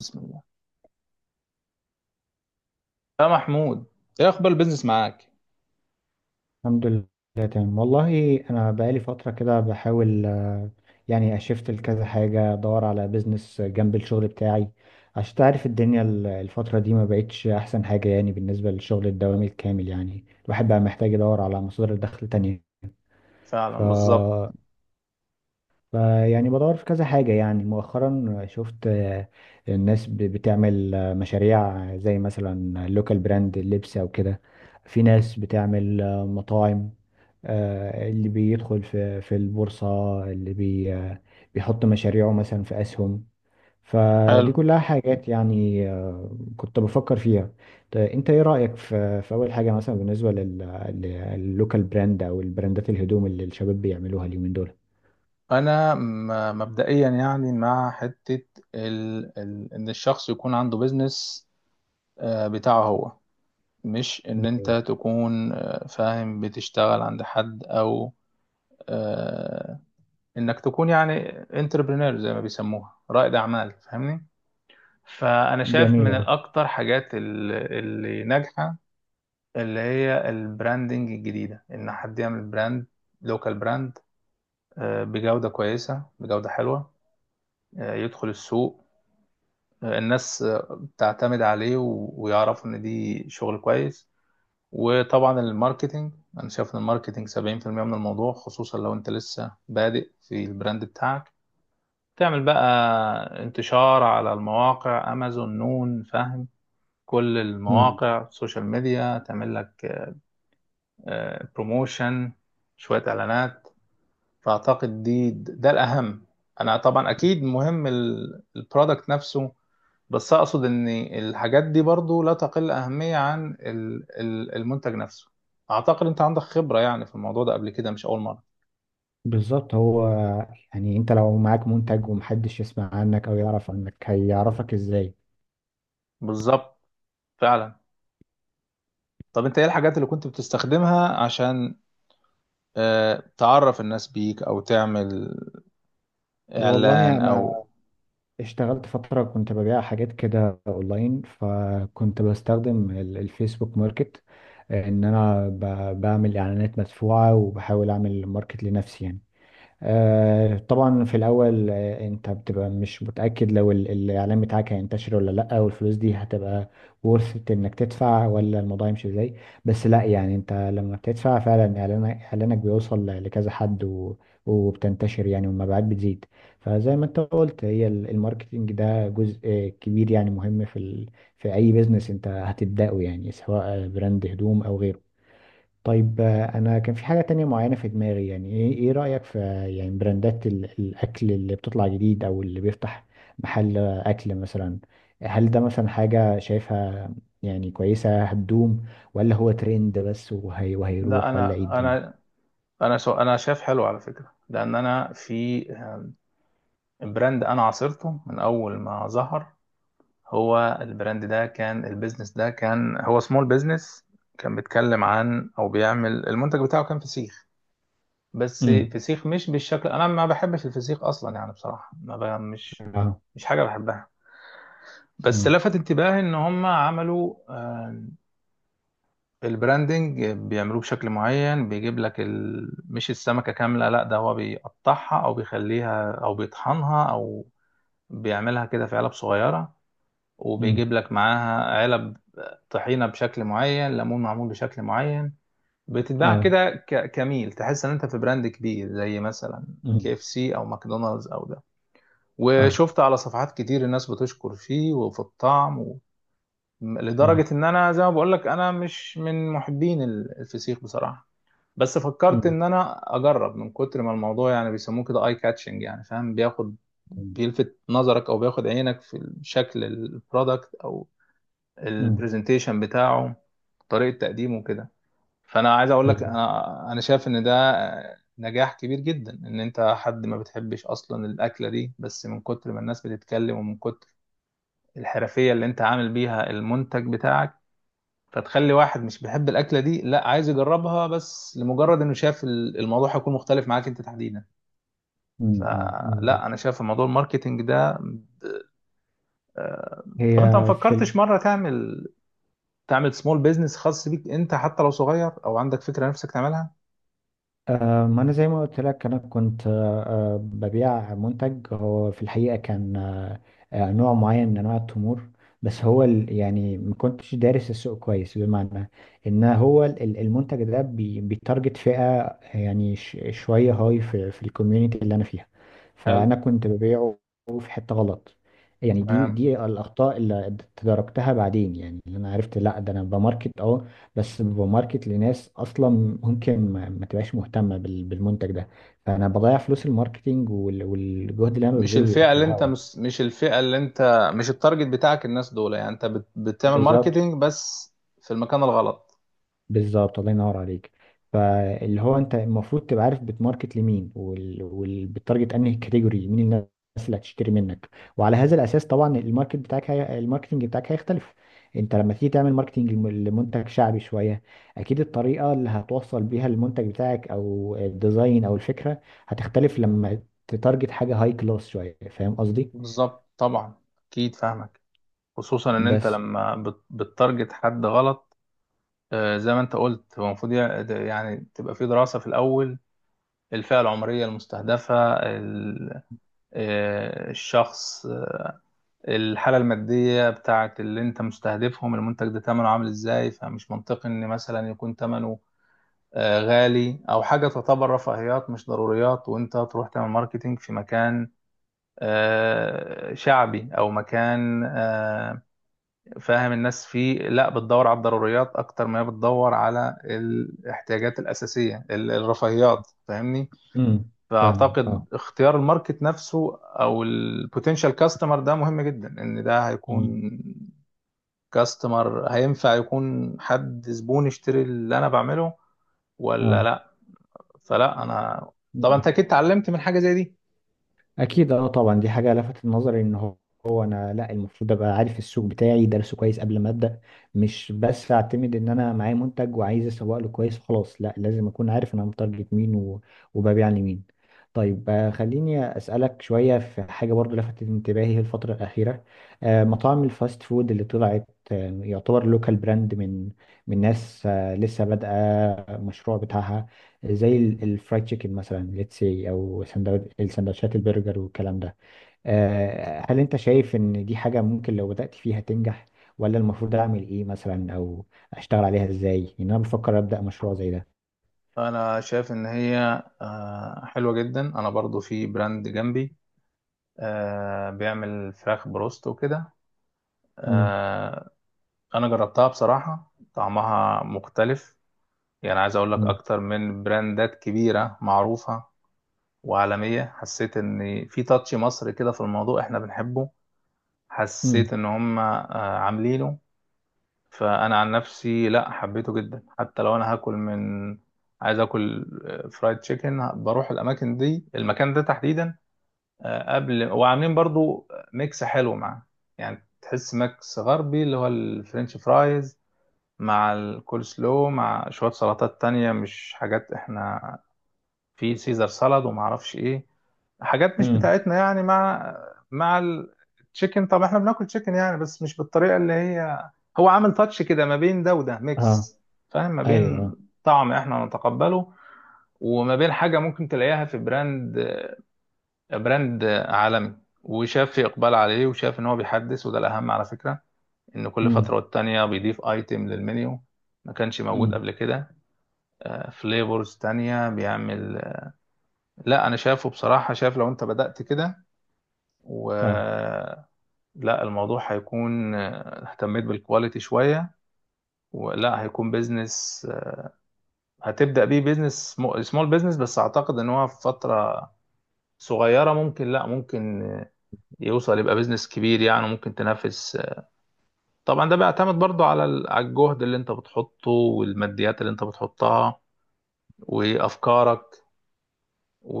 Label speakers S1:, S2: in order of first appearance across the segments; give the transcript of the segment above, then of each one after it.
S1: بسم الله، يا محمود. ايه اخبار البيزنس معاك؟
S2: الحمد لله. تمام والله انا بقالي فتره كده بحاول يعني اشفت لكذا حاجه ادور على بيزنس جنب الشغل بتاعي عشان تعرف الدنيا الفتره دي ما بقتش احسن حاجه، يعني بالنسبه للشغل الدوامي الكامل، يعني الواحد بقى محتاج يدور على مصادر دخل تانية. ف...
S1: فعلا، بالظبط.
S2: ف يعني بدور في كذا حاجه. يعني مؤخرا شفت الناس بتعمل مشاريع زي مثلا لوكال براند اللبس او كده، في ناس بتعمل مطاعم، اللي بيدخل في البورصة، اللي بي آه، بيحط مشاريعه مثلا في أسهم.
S1: حلو.
S2: فدي كلها حاجات يعني كنت بفكر فيها. طيب انت ايه رأيك في اول حاجة، مثلا بالنسبة لللوكال براند او البراندات، الهدوم اللي الشباب بيعملوها اليومين دول؟
S1: انا مبدئيا يعني مع حته ان الشخص يكون عنده بيزنس، بتاعه هو. مش ان انت
S2: جميل.
S1: تكون فاهم بتشتغل عند حد، او آه، انك تكون يعني انتربرينور زي ما بيسموها رائد اعمال، فاهمني؟ فانا شايف
S2: جميل،
S1: من
S2: اه.
S1: الاكتر حاجات اللي ناجحه، اللي هي البراندنج الجديدة، إن حد يعمل براند، لوكال براند، بجودة كويسة، بجودة حلوة، يدخل السوق، الناس تعتمد عليه ويعرفوا إن دي شغل كويس. وطبعا الماركتينج. أنا شايف إن الماركتينج 70% من الموضوع، خصوصا لو أنت لسه بادئ في البراند بتاعك. تعمل بقى انتشار على المواقع، أمازون، نون، فاهم، كل
S2: مم.
S1: المواقع، سوشيال ميديا، تعمل لك بروموشن، شوية إعلانات. فاعتقد دي ده الاهم. انا طبعا اكيد مهم البرودكت نفسه، بس اقصد ان الحاجات دي برضو لا تقل اهمية عن المنتج نفسه. اعتقد انت عندك خبرة يعني في الموضوع ده قبل كده، مش اول مرة.
S2: بالظبط، هو يعني انت لو معاك منتج ومحدش يسمع عنك او يعرف عنك، هيعرفك ازاي؟
S1: بالظبط. فعلا. طب انت ايه الحاجات اللي كنت بتستخدمها عشان تعرف الناس بيك او تعمل اعلان
S2: والله
S1: او.
S2: انا اشتغلت فترة كنت ببيع حاجات كده اونلاين، فكنت بستخدم الفيسبوك ماركت، ان انا بعمل اعلانات مدفوعة وبحاول اعمل ماركت لنفسي يعني. طبعا في الاول انت بتبقى مش متاكد لو الاعلان بتاعك هينتشر ولا لا، والفلوس دي هتبقى ورث انك تدفع ولا الموضوع يمشي ازاي. بس لا، يعني انت لما بتدفع فعلا اعلانك بيوصل لكذا حد، وبتنتشر يعني، والمبيعات بتزيد. فزي ما انت قلت، هي الماركتينج ده جزء كبير يعني مهم في في اي بيزنس انت هتبداه، يعني سواء براند هدوم او غيره. طيب، انا كان في حاجة تانية معينة في دماغي، يعني إيه رأيك في يعني براندات الاكل اللي بتطلع جديد او اللي بيفتح محل اكل مثلا؟ هل ده مثلا حاجة شايفها يعني كويسة هتدوم، ولا هو ترند بس
S1: لا،
S2: وهيروح، ولا ايه
S1: انا
S2: الدنيا؟
S1: انا انا سو... انا شايف حلو على فكرة، لان انا في براند انا عاصرته من اول ما ظهر. هو البراند ده كان، البيزنس ده كان، هو سمول بيزنس. كان بيتكلم عن او بيعمل المنتج بتاعه، كان فسيخ. بس
S2: امم.
S1: فسيخ مش بالشكل. انا ما بحبش الفسيخ اصلا يعني، بصراحه ما ب... مش
S2: اه.
S1: مش حاجه بحبها. بس
S2: امم.
S1: لفت انتباهي ان هم عملوا البراندنج بيعملوه بشكل معين، بيجيب لك مش السمكه كامله، لا، ده هو بيقطعها او بيخليها او بيطحنها او بيعملها كده في علب صغيرة، وبيجيب
S2: امم.
S1: لك معاها علب طحينه بشكل معين، ليمون معمول بشكل معين. بتتباع
S2: اه.
S1: كده كميل، تحس ان انت في براند كبير زي مثلا كي
S2: امم.
S1: اف سي او ماكدونالدز او ده.
S2: اه.
S1: وشفت على صفحات كتير الناس بتشكر فيه وفي الطعم و... لدرجة
S2: امم.
S1: ان انا زي ما بقول لك، انا مش من محبين الفسيخ بصراحة. بس فكرت
S2: امم.
S1: ان انا اجرب من كتر ما الموضوع يعني بيسموه كده اي كاتشنج، يعني فاهم، بياخد، بيلفت نظرك او بياخد عينك في شكل البرودكت او
S2: امم.
S1: البرزنتيشن بتاعه، طريقة تقديمه كده. فأنا عايز أقول لك،
S2: بالظبط.
S1: أنا شايف إن ده نجاح كبير جدا. إن أنت حد ما بتحبش أصلا الأكلة دي، بس من كتر ما الناس بتتكلم ومن كتر الحرفية اللي أنت عامل بيها المنتج بتاعك، فتخلي واحد مش بيحب الأكلة دي، لا، عايز يجربها، بس لمجرد إنه شاف الموضوع هيكون مختلف معاك أنت تحديدا.
S2: أمم، أمم،
S1: فلا، أنا
S2: بالظبط.
S1: شايف موضوع الماركتينج ده.
S2: هي.
S1: طب أنت ما
S2: في.
S1: فكرتش مرة تعمل سمول بيزنس خاص بيك انت، حتى لو صغير، او عندك فكره نفسك تعملها؟
S2: ما أنا زي ما قلت لك، أنا كنت ببيع منتج هو في الحقيقة كان نوع معين من أنواع التمور. بس هو يعني ما كنتش دارس السوق كويس، بمعنى إن هو المنتج ده بيتارجت فئة يعني شوية هاي في الكوميونيتي اللي أنا فيها،
S1: حلو.
S2: فأنا كنت ببيعه في حتة غلط. يعني دي
S1: تمام.
S2: دي الأخطاء اللي تداركتها بعدين، يعني اللي أنا عرفت، لا ده أنا بماركت أه، بس ببقى ماركت لناس اصلا ممكن ما تبقاش مهتمه بالمنتج ده، فانا بضيع فلوس الماركتينج، والجهد اللي انا ببذله بيبقى في الهوا.
S1: مش الفئه اللي انت مش التارجت بتاعك الناس دول، يعني انت بتعمل
S2: بالظبط.
S1: ماركتينج بس في المكان الغلط.
S2: بالظبط، الله ينور عليك. فاللي هو انت المفروض تبقى عارف بتماركت لمين، بتارجت انهي كاتيجوري، مين الناس اللي هتشتري منك. وعلى هذا الاساس طبعا الماركتنج بتاعك هيختلف. انت لما تيجي تعمل ماركتنج لمنتج شعبي شويه، اكيد الطريقه اللي هتوصل بيها المنتج بتاعك او الديزاين او الفكره هتختلف لما تتارجت حاجه هاي كلاس شويه. فاهم قصدي؟
S1: بالظبط، طبعا. اكيد فاهمك. خصوصا ان انت
S2: بس.
S1: لما بتتارجت حد غلط، زي ما انت قلت هو المفروض يعني تبقى في دراسه في الاول. الفئه العمريه المستهدفه الشخص، الحالة المادية بتاعت اللي انت مستهدفهم، المنتج ده تمنه عامل ازاي؟ فمش منطقي ان مثلا يكون تمنه غالي او حاجة تعتبر رفاهيات مش ضروريات، وانت تروح تعمل ماركتينج في مكان شعبي، او مكان فاهم الناس فيه لا بتدور على الضروريات اكتر ما هي بتدور على الاحتياجات الاساسية، الرفاهيات، فاهمني؟
S2: امم. فاهمك،
S1: فاعتقد
S2: اه.
S1: اختيار الماركت نفسه او البوتنشال كاستمر ده مهم جدا. ان ده
S2: امم.
S1: هيكون كاستمر، هينفع يكون حد زبون يشتري اللي انا بعمله ولا
S2: اه.
S1: لا؟ فلا، انا طبعا انت اكيد اتعلمت من حاجه زي دي.
S2: اكيد، اه طبعا. دي حاجه لفتت نظري، ان هو هو انا، لا، المفروض ابقى عارف السوق بتاعي دارسه كويس قبل ما ابدا، مش بس اعتمد ان انا معايا منتج وعايز اسوق له كويس وخلاص. لا، لازم اكون عارف انا متارجت مين وببيع لمين. طيب، خليني اسالك شويه في حاجه برضو لفتت انتباهي الفتره الاخيره. مطاعم الفاست فود اللي طلعت يعتبر لوكال براند من من ناس لسه بادئه المشروع بتاعها، زي الفرايد تشيكن مثلا، ليتس سي، او السندوتشات البرجر والكلام ده. هل انت شايف ان دي حاجة ممكن لو بدأت فيها تنجح، ولا المفروض اعمل ايه مثلا، او اشتغل عليها ازاي؟ ان انا بفكر ابدأ مشروع زي ده.
S1: انا شايف ان هي حلوه جدا. انا برضو في براند جنبي بيعمل فراخ بروست وكده.
S2: امم.
S1: آه، انا جربتها بصراحه، طعمها مختلف، يعني عايز اقول لك
S2: امم.
S1: اكتر من براندات كبيره معروفه وعالميه. حسيت ان في تاتش مصري كده في الموضوع احنا بنحبه. حسيت
S2: امم.
S1: ان هم عاملينه. فانا عن نفسي لا، حبيته جدا. حتى لو انا هاكل من، عايز اكل فرايد تشيكن، بروح الاماكن دي، المكان ده تحديدا قبل. وعاملين برضو ميكس حلو معاه. يعني تحس ميكس غربي، اللي هو الفرنش فرايز مع الكول سلو مع شوية سلطات تانية مش حاجات احنا، في سيزر سالاد وما اعرفش ايه، حاجات مش
S2: امم.
S1: بتاعتنا يعني، مع مع التشيكن. طب احنا بناكل تشيكن يعني، بس مش بالطريقه اللي هي. هو عامل تاتش كده ما بين ده وده،
S2: اه.
S1: ميكس، فاهم، ما
S2: ايوه،
S1: بين
S2: اه.
S1: طعم احنا نتقبله، وما بين حاجه ممكن تلاقيها في براند عالمي. وشاف في اقبال عليه، وشاف ان هو بيحدث، وده الاهم على فكره، ان كل فتره
S2: امم.
S1: والتانيه بيضيف ايتم للمنيو ما كانش موجود
S2: امم.
S1: قبل كده، فليفرز تانية بيعمل. لا، انا شافه بصراحه. شاف لو انت بدأت كده، و
S2: اه.
S1: لا، الموضوع هيكون اهتميت بالكواليتي شوية، ولا هيكون بيزنس، هتبدأ بيه بيزنس، سمول بيزنس. بس اعتقد ان هو في فترة صغيرة ممكن، لا ممكن يوصل يبقى بيزنس كبير، يعني ممكن تنافس طبعا. ده بيعتمد برضو على على الجهد اللي انت بتحطه والماديات اللي انت بتحطها وافكارك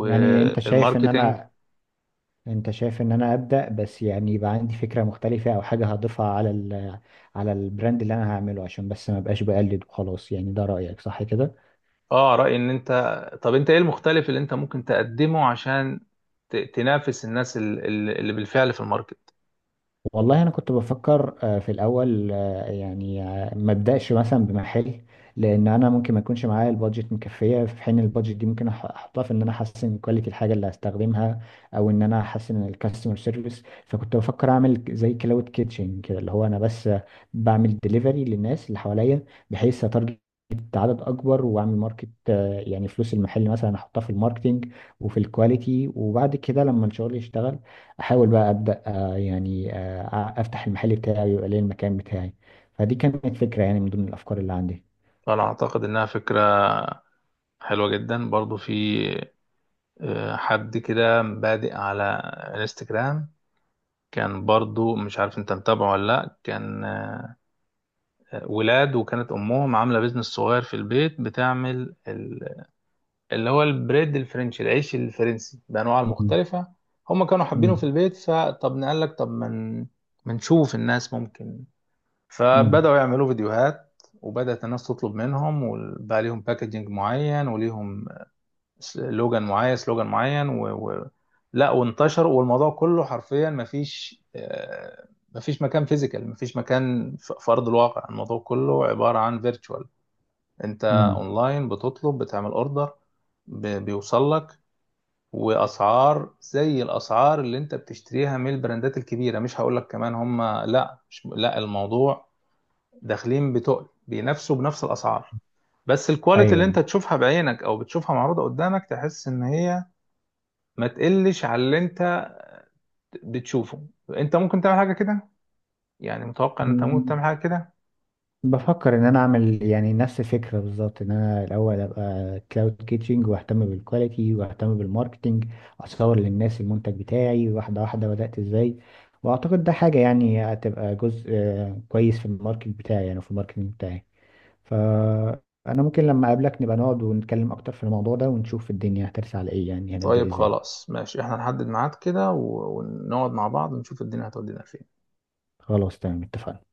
S2: يعني انت شايف ان انا، انت شايف ان انا ابدأ بس، يعني يبقى عندي فكرة مختلفة او حاجة هضيفها على على البراند اللي انا هعمله، عشان بس ما بقاش بقلد وخلاص. يعني ده رأيك صح كده؟
S1: اه، رأيي ان انت، طب انت ايه المختلف اللي انت ممكن تقدمه عشان تنافس الناس اللي بالفعل في الماركت؟
S2: والله انا كنت بفكر في الاول يعني ما ابداش مثلا بمحل، لان انا ممكن ما يكونش معايا البادجت مكفيه، في حين البادجت دي ممكن احطها في ان انا احسن كواليتي الحاجه اللي هستخدمها، او ان انا احسن الكاستمر سيرفيس. فكنت بفكر اعمل زي كلاود كيتشن كده، اللي هو انا بس بعمل ديليفري للناس اللي حواليا، بحيث اتارجت عدد اكبر واعمل ماركت، يعني فلوس المحل مثلا احطها في الماركتينج وفي الكواليتي، وبعد كده لما الشغل يشتغل، احاول بقى ابدا، يعني افتح المحل بتاعي ويبقى لي المكان بتاعي. فدي كانت فكرة يعني من ضمن الافكار اللي عندي.
S1: فانا اعتقد انها فكره حلوه جدا. برضو في حد كده بادئ على انستجرام، كان برضو، مش عارف انت متابعه ولا لا، كان ولاد، وكانت امهم عامله بيزنس صغير في البيت، بتعمل اللي هو البريد الفرنسي، العيش الفرنسي بانواعه
S2: مم.
S1: المختلفه. هم كانوا حابينه في
S2: مم.
S1: البيت، فطب نقال لك طب ما من نشوف الناس ممكن.
S2: مم.
S1: فبداوا يعملوا فيديوهات، وبدأت الناس تطلب منهم، وبقى ليهم باكجينج معين، وليهم سلوجان معين سلوجان معين لا، وانتشر. والموضوع كله حرفيا مفيش مفيش مكان فيزيكال، مفيش مكان في ارض الواقع. الموضوع كله عباره عن فيرتشوال. انت
S2: مم.
S1: اونلاين بتطلب، بتعمل اوردر، بيوصل لك. واسعار زي الاسعار اللي انت بتشتريها من البراندات الكبيره، مش هقول لك كمان هم. لا، مش... لا الموضوع، داخلين بتقل بينافسوا بنفس الاسعار. بس الكواليتي اللي انت
S2: ايوه.
S1: تشوفها بعينك او بتشوفها معروضه قدامك، تحس ان هي ما تقلش على اللي انت بتشوفه. انت ممكن تعمل حاجه كده. يعني متوقع ان انت ممكن
S2: مم.
S1: تعمل حاجه كده.
S2: بفكر ان انا اعمل يعني نفس الفكره بالظبط، ان انا الاول ابقى كلاود كيتشنج واهتم بالكواليتي واهتم بالماركتنج، اصور للناس المنتج بتاعي واحده واحده، بدات ازاي. واعتقد ده حاجه يعني هتبقى جزء كويس في الماركت بتاعي، يعني في الماركتنج بتاعي. فأنا ممكن لما أقابلك نبقى نقعد ونتكلم أكتر في الموضوع ده، ونشوف الدنيا هترسى على إيه، يعني هنبدأ
S1: طيب
S2: إزاي.
S1: خلاص ماشي، احنا نحدد ميعاد كده ونقعد مع بعض ونشوف الدنيا هتودينا فين.
S2: خلاص تمام، اتفقنا.